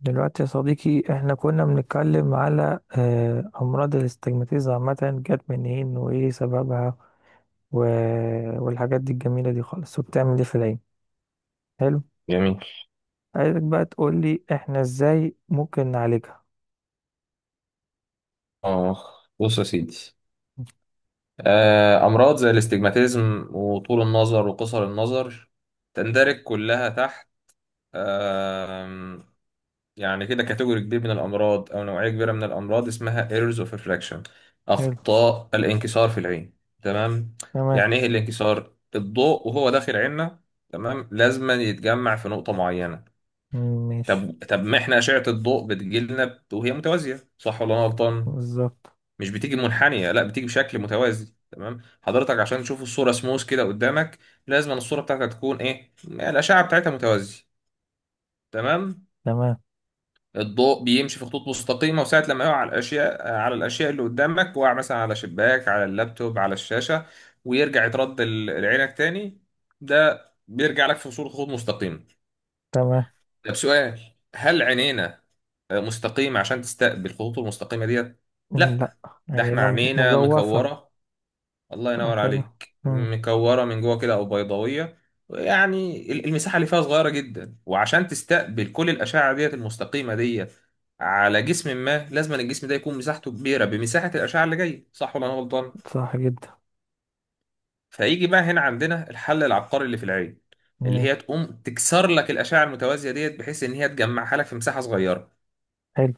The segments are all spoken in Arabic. دلوقتي يا صديقي، احنا كنا بنتكلم على امراض الاستجماتيزا عامة. جت منين وايه سببها؟ و... والحاجات دي الجميلة دي خالص، وبتعمل ايه في العين؟ حلو. جميل. عايزك بقى تقول لي احنا ازاي ممكن نعالجها؟ اه بص يا سيدي، امراض زي الاستجماتيزم وطول النظر وقصر النظر تندرج كلها تحت، آم، يعني كده كاتيجوري كبير من الامراض او نوعيه كبيره من الامراض اسمها errors of refraction، حلو. اخطاء الانكسار في العين. تمام، تمام. يعني ايه الانكسار؟ الضوء وهو داخل عيننا، تمام، لازما يتجمع في نقطه معينه. مم، ماشي. طب، ما احنا اشعه الضوء بتجيلنا وهي متوازيه، صح ولا انا غلطان؟ بالظبط. مش بتيجي منحنية، لا بتيجي بشكل متوازي، تمام حضرتك، عشان تشوف الصورة سموث كده قدامك، لازم أن الصورة بتاعتك تكون، ايه، الأشعة بتاعتها متوازية. تمام، تمام. الضوء بيمشي في خطوط مستقيمة، وساعة لما يقع على الأشياء، اللي قدامك، وقع مثلا على شباك، على اللابتوب، على الشاشة، ويرجع يترد لعينك تاني، ده بيرجع لك في صورة خطوط مستقيمة. تمام. طب سؤال، هل عينينا مستقيمة عشان تستقبل الخطوط المستقيمة ديت؟ مم، لا. لا، ده يعني احنا انا عينينا مجوفة. مكورة، الله صح ينور كده. عليك، مم. مكورة من جوه كده أو بيضاوية. يعني المساحة اللي فيها صغيرة جدا، وعشان تستقبل كل الأشعة ديت المستقيمة ديت على جسم ما، لازم الجسم ده يكون مساحته كبيرة بمساحة الأشعة اللي جاية، صح ولا أنا غلطان؟ صح جدا. فيجي بقى هنا عندنا الحل العبقري اللي في العين، اللي هي ماشي. تقوم تكسر لك الأشعة المتوازية ديت، بحيث إن هي تجمعها لك في مساحة صغيرة. حلو.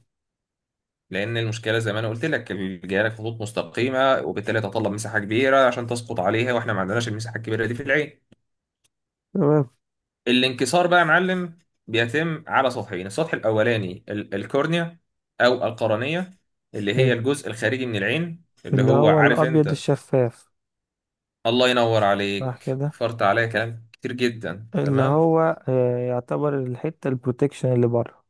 لأن المشكلة زي ما أنا قلت لك، جايه لك خطوط مستقيمة، وبالتالي تتطلب مساحة كبيرة عشان تسقط عليها، وإحنا ما عندناش المساحة الكبيرة دي في العين. تمام. الانكسار بقى يا معلم بيتم على سطحين، السطح الاولاني الكورنيا او القرنيه، اللي هي حلو، الجزء الخارجي من العين، اللي اللي هو هو عارف الابيض انت. الشفاف. الله ينور صح عليك، كده. فرط عليا كلام كتير جدا، اللي تمام. هو يعتبر الحتة البروتكشن اللي بره.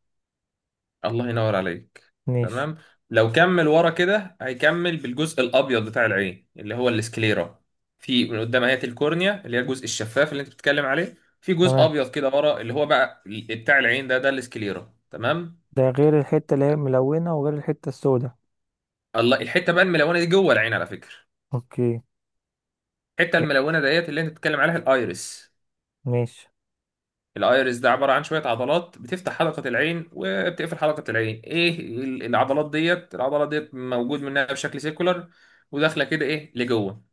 الله ينور عليك، ماشي. تمام. لو كمل ورا كده هيكمل بالجزء الابيض بتاع العين اللي هو السكليرا. في من قدام اهي الكورنيا اللي هي الجزء الشفاف اللي انت بتتكلم عليه، في جزء تمام. ابيض كده ورا اللي هو بقى بتاع العين ده ده السكليرا، تمام. ده غير الحتة اللي هي ملونة، وغير الحتة السوداء. الله، الحته بقى الملونه دي جوه العين على فكره، اوكي. الحته يا- الملونه ديت اللي انت بتتكلم عليها الايرس. ماشي. الايرس ده عباره عن شويه عضلات بتفتح حلقه العين وبتقفل حلقه العين، ايه العضلات ديت؟ العضلات ديت موجود منها بشكل سيكولار، وداخله كده ايه لجوه،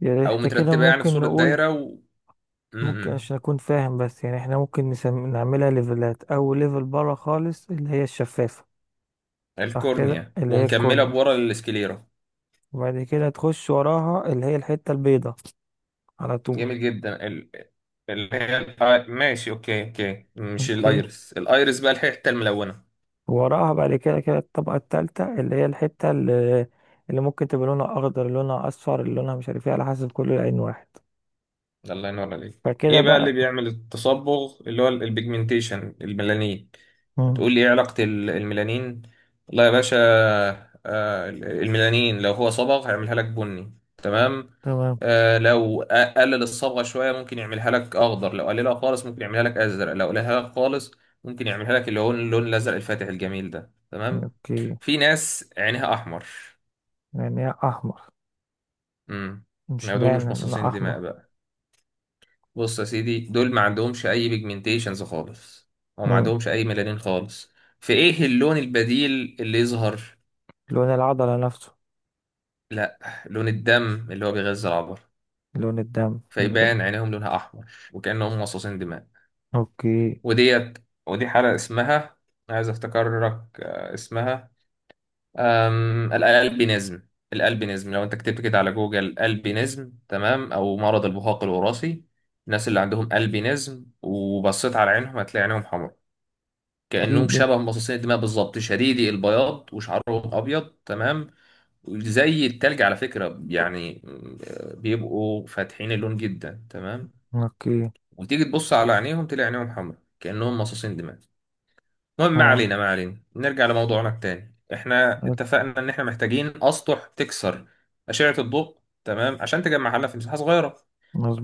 يعني او احنا كده مترتبه يعني في ممكن صوره نقول. دايره م- ممكن م. عشان اكون فاهم بس، يعني احنا ممكن نعملها ليفلات. اول ليفل بره خالص اللي هي الشفافة. صح كده، الكورنيا اللي هي ومكمله الكورنيا. بورا السكليرا. وبعد كده تخش وراها اللي هي الحتة البيضة على طول. جميل جدا، اللي هي ماشي. اوكي، اوكي، مش اوكي. الايرس، الايرس بقى الحته الملونه وراها بعد كده كده الطبقة التالتة اللي هي الحتة اللي ممكن تبقى لونها أخضر، لونها أصفر، لونها مش عارف ايه، على حسب كل عين واحد. ده، الله ينور عليك. فكده ايه بقى اللي بقى. بيعمل التصبغ اللي هو البيجمنتيشن؟ الميلانين. مم. هتقول لي ايه علاقة الميلانين؟ لا يا باشا، الميلانين لو هو صبغ هيعملها لك بني، تمام. تمام. لو قلل الصبغة شوية ممكن يعملها لك اخضر، لو قللها خالص ممكن يعملها لك ازرق، لو قللها لك خالص ممكن يعملها لك اللي هو اللون الازرق الفاتح الجميل ده، تمام. اوكي. في ناس عينها احمر. يعني هي أحمر؟ امم مش ما دول مش معنى لونها مصاصين دماء أحمر. بقى. بص يا سيدي، دول ما عندهمش اي بيجمنتيشنز خالص، او ما مم. عندهمش اي ميلانين خالص. في ايه اللون البديل اللي يظهر؟ لون العضلة نفسه. لا، لون الدم اللي هو بيغذي العبر، لون الدم لكن. فيبان عينيهم لونها احمر، وكانهم مصاصين دماء. اوكي. وديت، ودي حاله اسمها، عايز افتكرك، اسمها الالبينيزم. الالبينيزم، لو انت كتبت كده على جوجل البينيزم، تمام، او مرض البهاق الوراثي. الناس اللي عندهم البينيزم وبصيت على عينهم هتلاقي عينهم حمراء، كأنهم قلبي. شبه مصاصين الدماء بالظبط، شديدي البياض وشعرهم أبيض، تمام، زي التلج على فكرة يعني، بيبقوا فاتحين اللون جدا، تمام. اوكي. وتيجي تبص على عينيهم تلاقي عينيهم حمراء كأنهم مصاصين دماء. المهم، ما اه. علينا ما علينا، نرجع لموضوعنا التاني. احنا حلو. اتفقنا ان احنا محتاجين أسطح تكسر أشعة الضوء، تمام، عشان تجمعها لنا في مساحة صغيرة.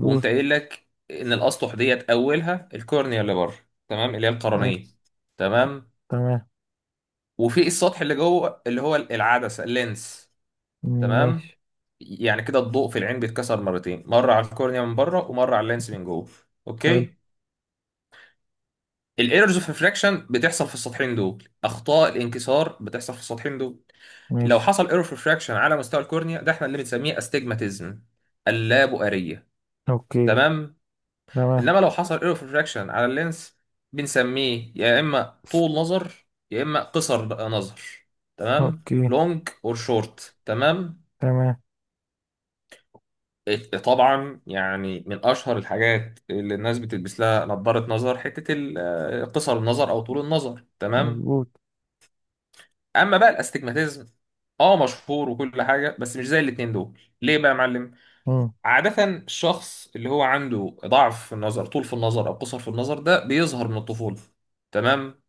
وقمت قايل لك ان الأسطح ديت أولها الكورنيا اللي بره، تمام، اللي هي القرنية. عرفت. تمام، تمام. وفي السطح اللي جوه اللي هو العدسة، اللينس، تمام. ماشي. يعني كده الضوء في العين بيتكسر مرتين، مرة على الكورنيا من بره، ومرة على اللينس من جوه. حلو. اوكي، الايرورز اوف ريفراكشن بتحصل في السطحين دول، اخطاء الانكسار بتحصل في السطحين دول. لو ماشي. حصل ايرور اوف ريفراكشن على مستوى الكورنيا، ده احنا اللي بنسميه استجماتيزم، اللابؤرية، اوكي. تمام. تمام. انما لو حصل ايرور اوف ريفراكشن على اللينس، بنسميه يا اما طول نظر يا اما قصر نظر، تمام، اوكي. لونج اور شورت، تمام. تمام. طبعا يعني من اشهر الحاجات اللي الناس بتلبس لها نظارة نظر، حتة قصر النظر او طول النظر، تمام. مظبوط. اما بقى الاستجماتيزم، اه مشهور وكل حاجة بس مش زي الاتنين دول. ليه بقى يا معلم؟ مم. عادة الشخص اللي هو عنده ضعف في النظر، طول في النظر او قصر في النظر، ده بيظهر من الطفولة، تمام.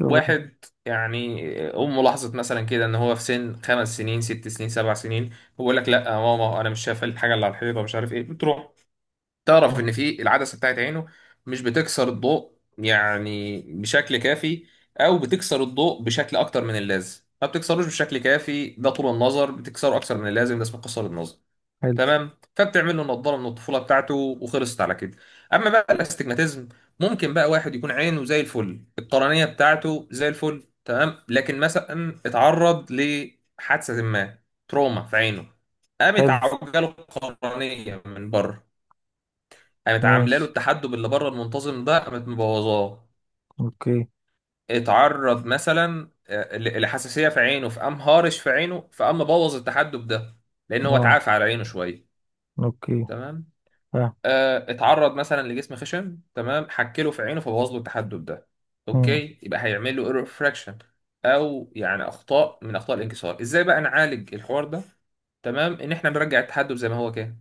شوف. واحد يعني، امه لاحظت مثلا كده ان هو في سن 5 سنين، 6 سنين، 7 سنين، هو يقول لك لا يا ماما انا مش شايف الحاجه اللي على الحيطه، مش عارف ايه بتروح تعرف ان في العدسه بتاعت عينه مش بتكسر الضوء يعني بشكل كافي، او بتكسر الضوء بشكل اكتر من اللازم. ما بتكسروش بشكل كافي، ده طول النظر. بتكسره اكتر من اللازم، ده اسمه قصر النظر، حلو. تمام. فبتعمل له نضاره من الطفوله بتاعته وخلصت على كده. اما بقى الاستجماتيزم، ممكن بقى واحد يكون عينه زي الفل، القرنيه بتاعته زي الفل، تمام، لكن مثلا اتعرض لحادثه ما، تروما في عينه، قامت حلو. عوجاله القرنيه من بره، قامت عامله له ماشي. التحدب اللي بره المنتظم ده قامت مبوظاه. اوكي. اتعرض مثلا لحساسيه في عينه، فقام هارش في عينه، فقام مبوظ التحدب ده، لان هو اه. اتعافى على عينه شويه، اوكي. تمام. فاهم. اتعرض مثلا لجسم خشن، تمام، حكله في عينه فبوظ له التحدب ده. مم، اوكي، يبقى هيعمل له ايرور فراكشن، او يعني اخطاء من اخطاء الانكسار. ازاي بقى نعالج الحوار ده؟ تمام، ان احنا نرجع التحدب زي ما هو كان.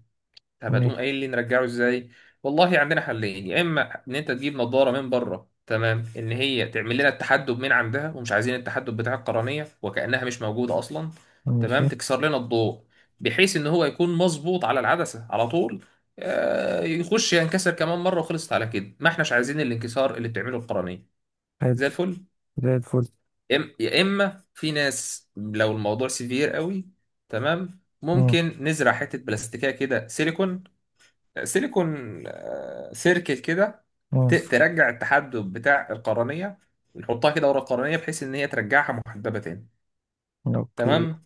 طب هتقوم ماشي. قايل لي نرجعه ازاي؟ والله عندنا حلين، يا اما ان انت تجيب نظاره من بره، تمام، ان هي تعمل لنا التحدب من عندها، ومش عايزين التحدب بتاع القرنيه وكانها مش موجوده اصلا، تمام، ماشي. تكسر لنا الضوء بحيث ان هو يكون مظبوط على العدسه على طول، يخش ينكسر كمان مره وخلصت على كده، ما احناش عايزين الانكسار اللي بتعمله القرنيه، حلو. زي الفل. زي الفل. يا اما في ناس لو الموضوع سيفير قوي، تمام، مم. ممكن نزرع حته بلاستيكيه كده، سيليكون، سيليكون، سيركت كده، مم. ترجع التحدب بتاع القرنية، نحطها كده ورا القرنية بحيث إن هي ترجعها محدبة تاني، اوكي. تمام.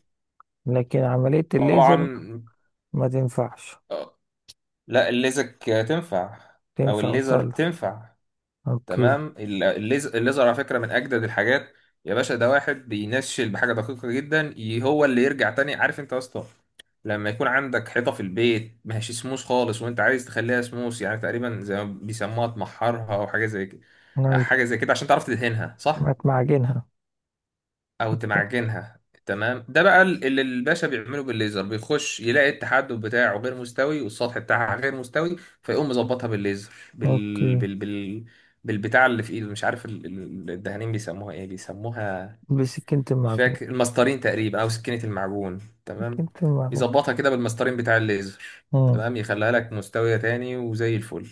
لكن عملية الليزر طبعا، ما تنفعش. آه، لا الليزك تنفع أو تنفع الليزر وصلها. تنفع، اوكي. تمام. الليزر على فكرة من أجدد الحاجات يا باشا. ده واحد بينشل بحاجة دقيقة جدا، هو اللي يرجع تاني. عارف أنت يا اسطى لما يكون عندك حيطة في البيت ما هيش سموس خالص، وأنت عايز تخليها سموس، يعني تقريبا زي ما بيسموها تمحرها أو حاجة زي كده، ايوه. حاجة زي كده، عشان تعرف تدهنها، صح؟ سمعت معجنها. او تمعجنها، تمام. ده بقى اللي الباشا بيعمله بالليزر، بيخش يلاقي التحدب بتاعه غير مستوي والسطح بتاعها غير مستوي، فيقوم مظبطها بالليزر بال اوكي. بال بال بالبتاع اللي في ايده، مش عارف الدهانين بيسموها ايه، بيسموها، بسكينة مش المعجون. فاكر، المسطرين تقريبا، او سكينة المعجون، سكينة تمام. المعجون. يظبطها كده بالمسطرين بتاع الليزر، مم. تمام، يخليها لك مستوية تاني وزي الفل.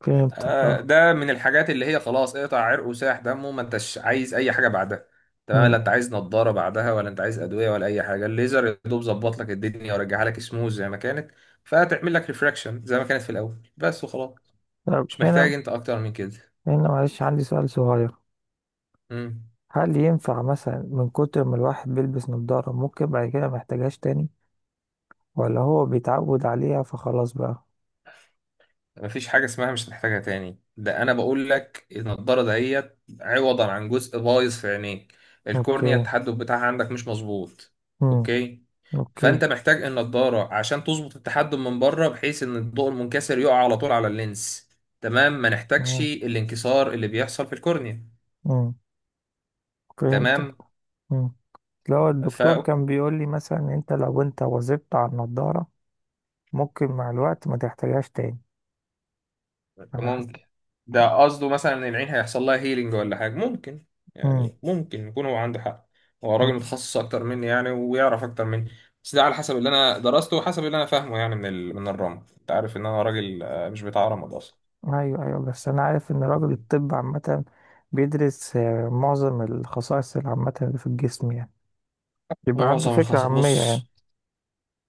فهمتك اه. ده من الحاجات اللي هي خلاص اقطع عرق وساح دمه، ما انتش عايز اي حاجه بعدها، تمام، لا مم. انت عايز نضاره بعدها، ولا انت عايز ادويه، ولا اي حاجه. الليزر يا دوب ظبط لك الدنيا ورجعها لك سموز زي ما كانت، فتعمل لك ريفراكشن زي ما كانت في الاول بس، وخلاص، طب مش هنا محتاج انت اكتر من كده. هنا معلش، عندي سؤال صغير. امم، هل ينفع مثلا من كتر ما الواحد بيلبس نظارة، ممكن بعد كده ما يحتاجهاش تاني؟ ولا هو بيتعود عليها فخلاص بقى؟ مفيش حاجه اسمها مش هتحتاجها تاني. ده انا بقول لك النضاره دهيت عوضا عن جزء بايظ في عينيك، الكورنيا اوكي. التحدب بتاعها عندك مش مظبوط، امم. اوكي. اوكي. فانت محتاج النضاره عشان تظبط التحجم من بره، بحيث ان الضوء المنكسر يقع على طول على اللينس، تمام، ما نحتاجش تمام. الانكسار اللي بيحصل في الكورنيا. امم. فهمتك. تمام، امم. لو ف الدكتور كان بيقول لي مثلا، إن انت لو انت وظبت على النضارة، ممكن مع الوقت ما تحتاجهاش تاني. انا حاسس. ممكن. ده قصده مثلا ان العين هيحصل لها هيلينج ولا حاجه، ممكن، امم. يعني ممكن يكون هو عنده حق، هو أمم. راجل متخصص اكتر مني يعني ويعرف اكتر مني. بس ده على حسب اللي انا درسته وحسب اللي انا فاهمه يعني، من من الرمد. انت عارف ان انا راجل مش بتاع رمد اصلا. ايوه ايوه، بس انا عارف ان راجل الطب عامة بيدرس معظم الخصائص العامة اللي في الجسم يعني. يبقى عنده معظم فكرة الخصائص، عامية يعني. بص،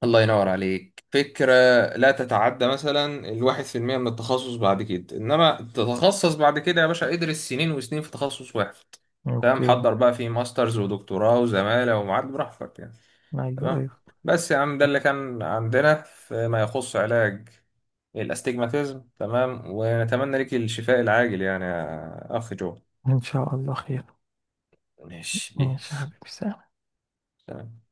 الله ينور عليك، فكرة لا تتعدى مثلا 1% من التخصص بعد كده، إنما تتخصص بعد كده يا باشا ادرس سنين وسنين في تخصص واحد، تمام. اوكي. حضر بقى، فيه ماسترز ودكتوراه وزمالة ومعاد براحتك يعني، ايوه تمام. ايوه. بس يا عم ده اللي كان عندنا فيما يخص علاج الاستجماتيزم، تمام، ونتمنى لك الشفاء العاجل يعني يا أخ جو. ان شاء الله خير. ماشي، ماشي يا بيس، حبيبي، سلام. سلام.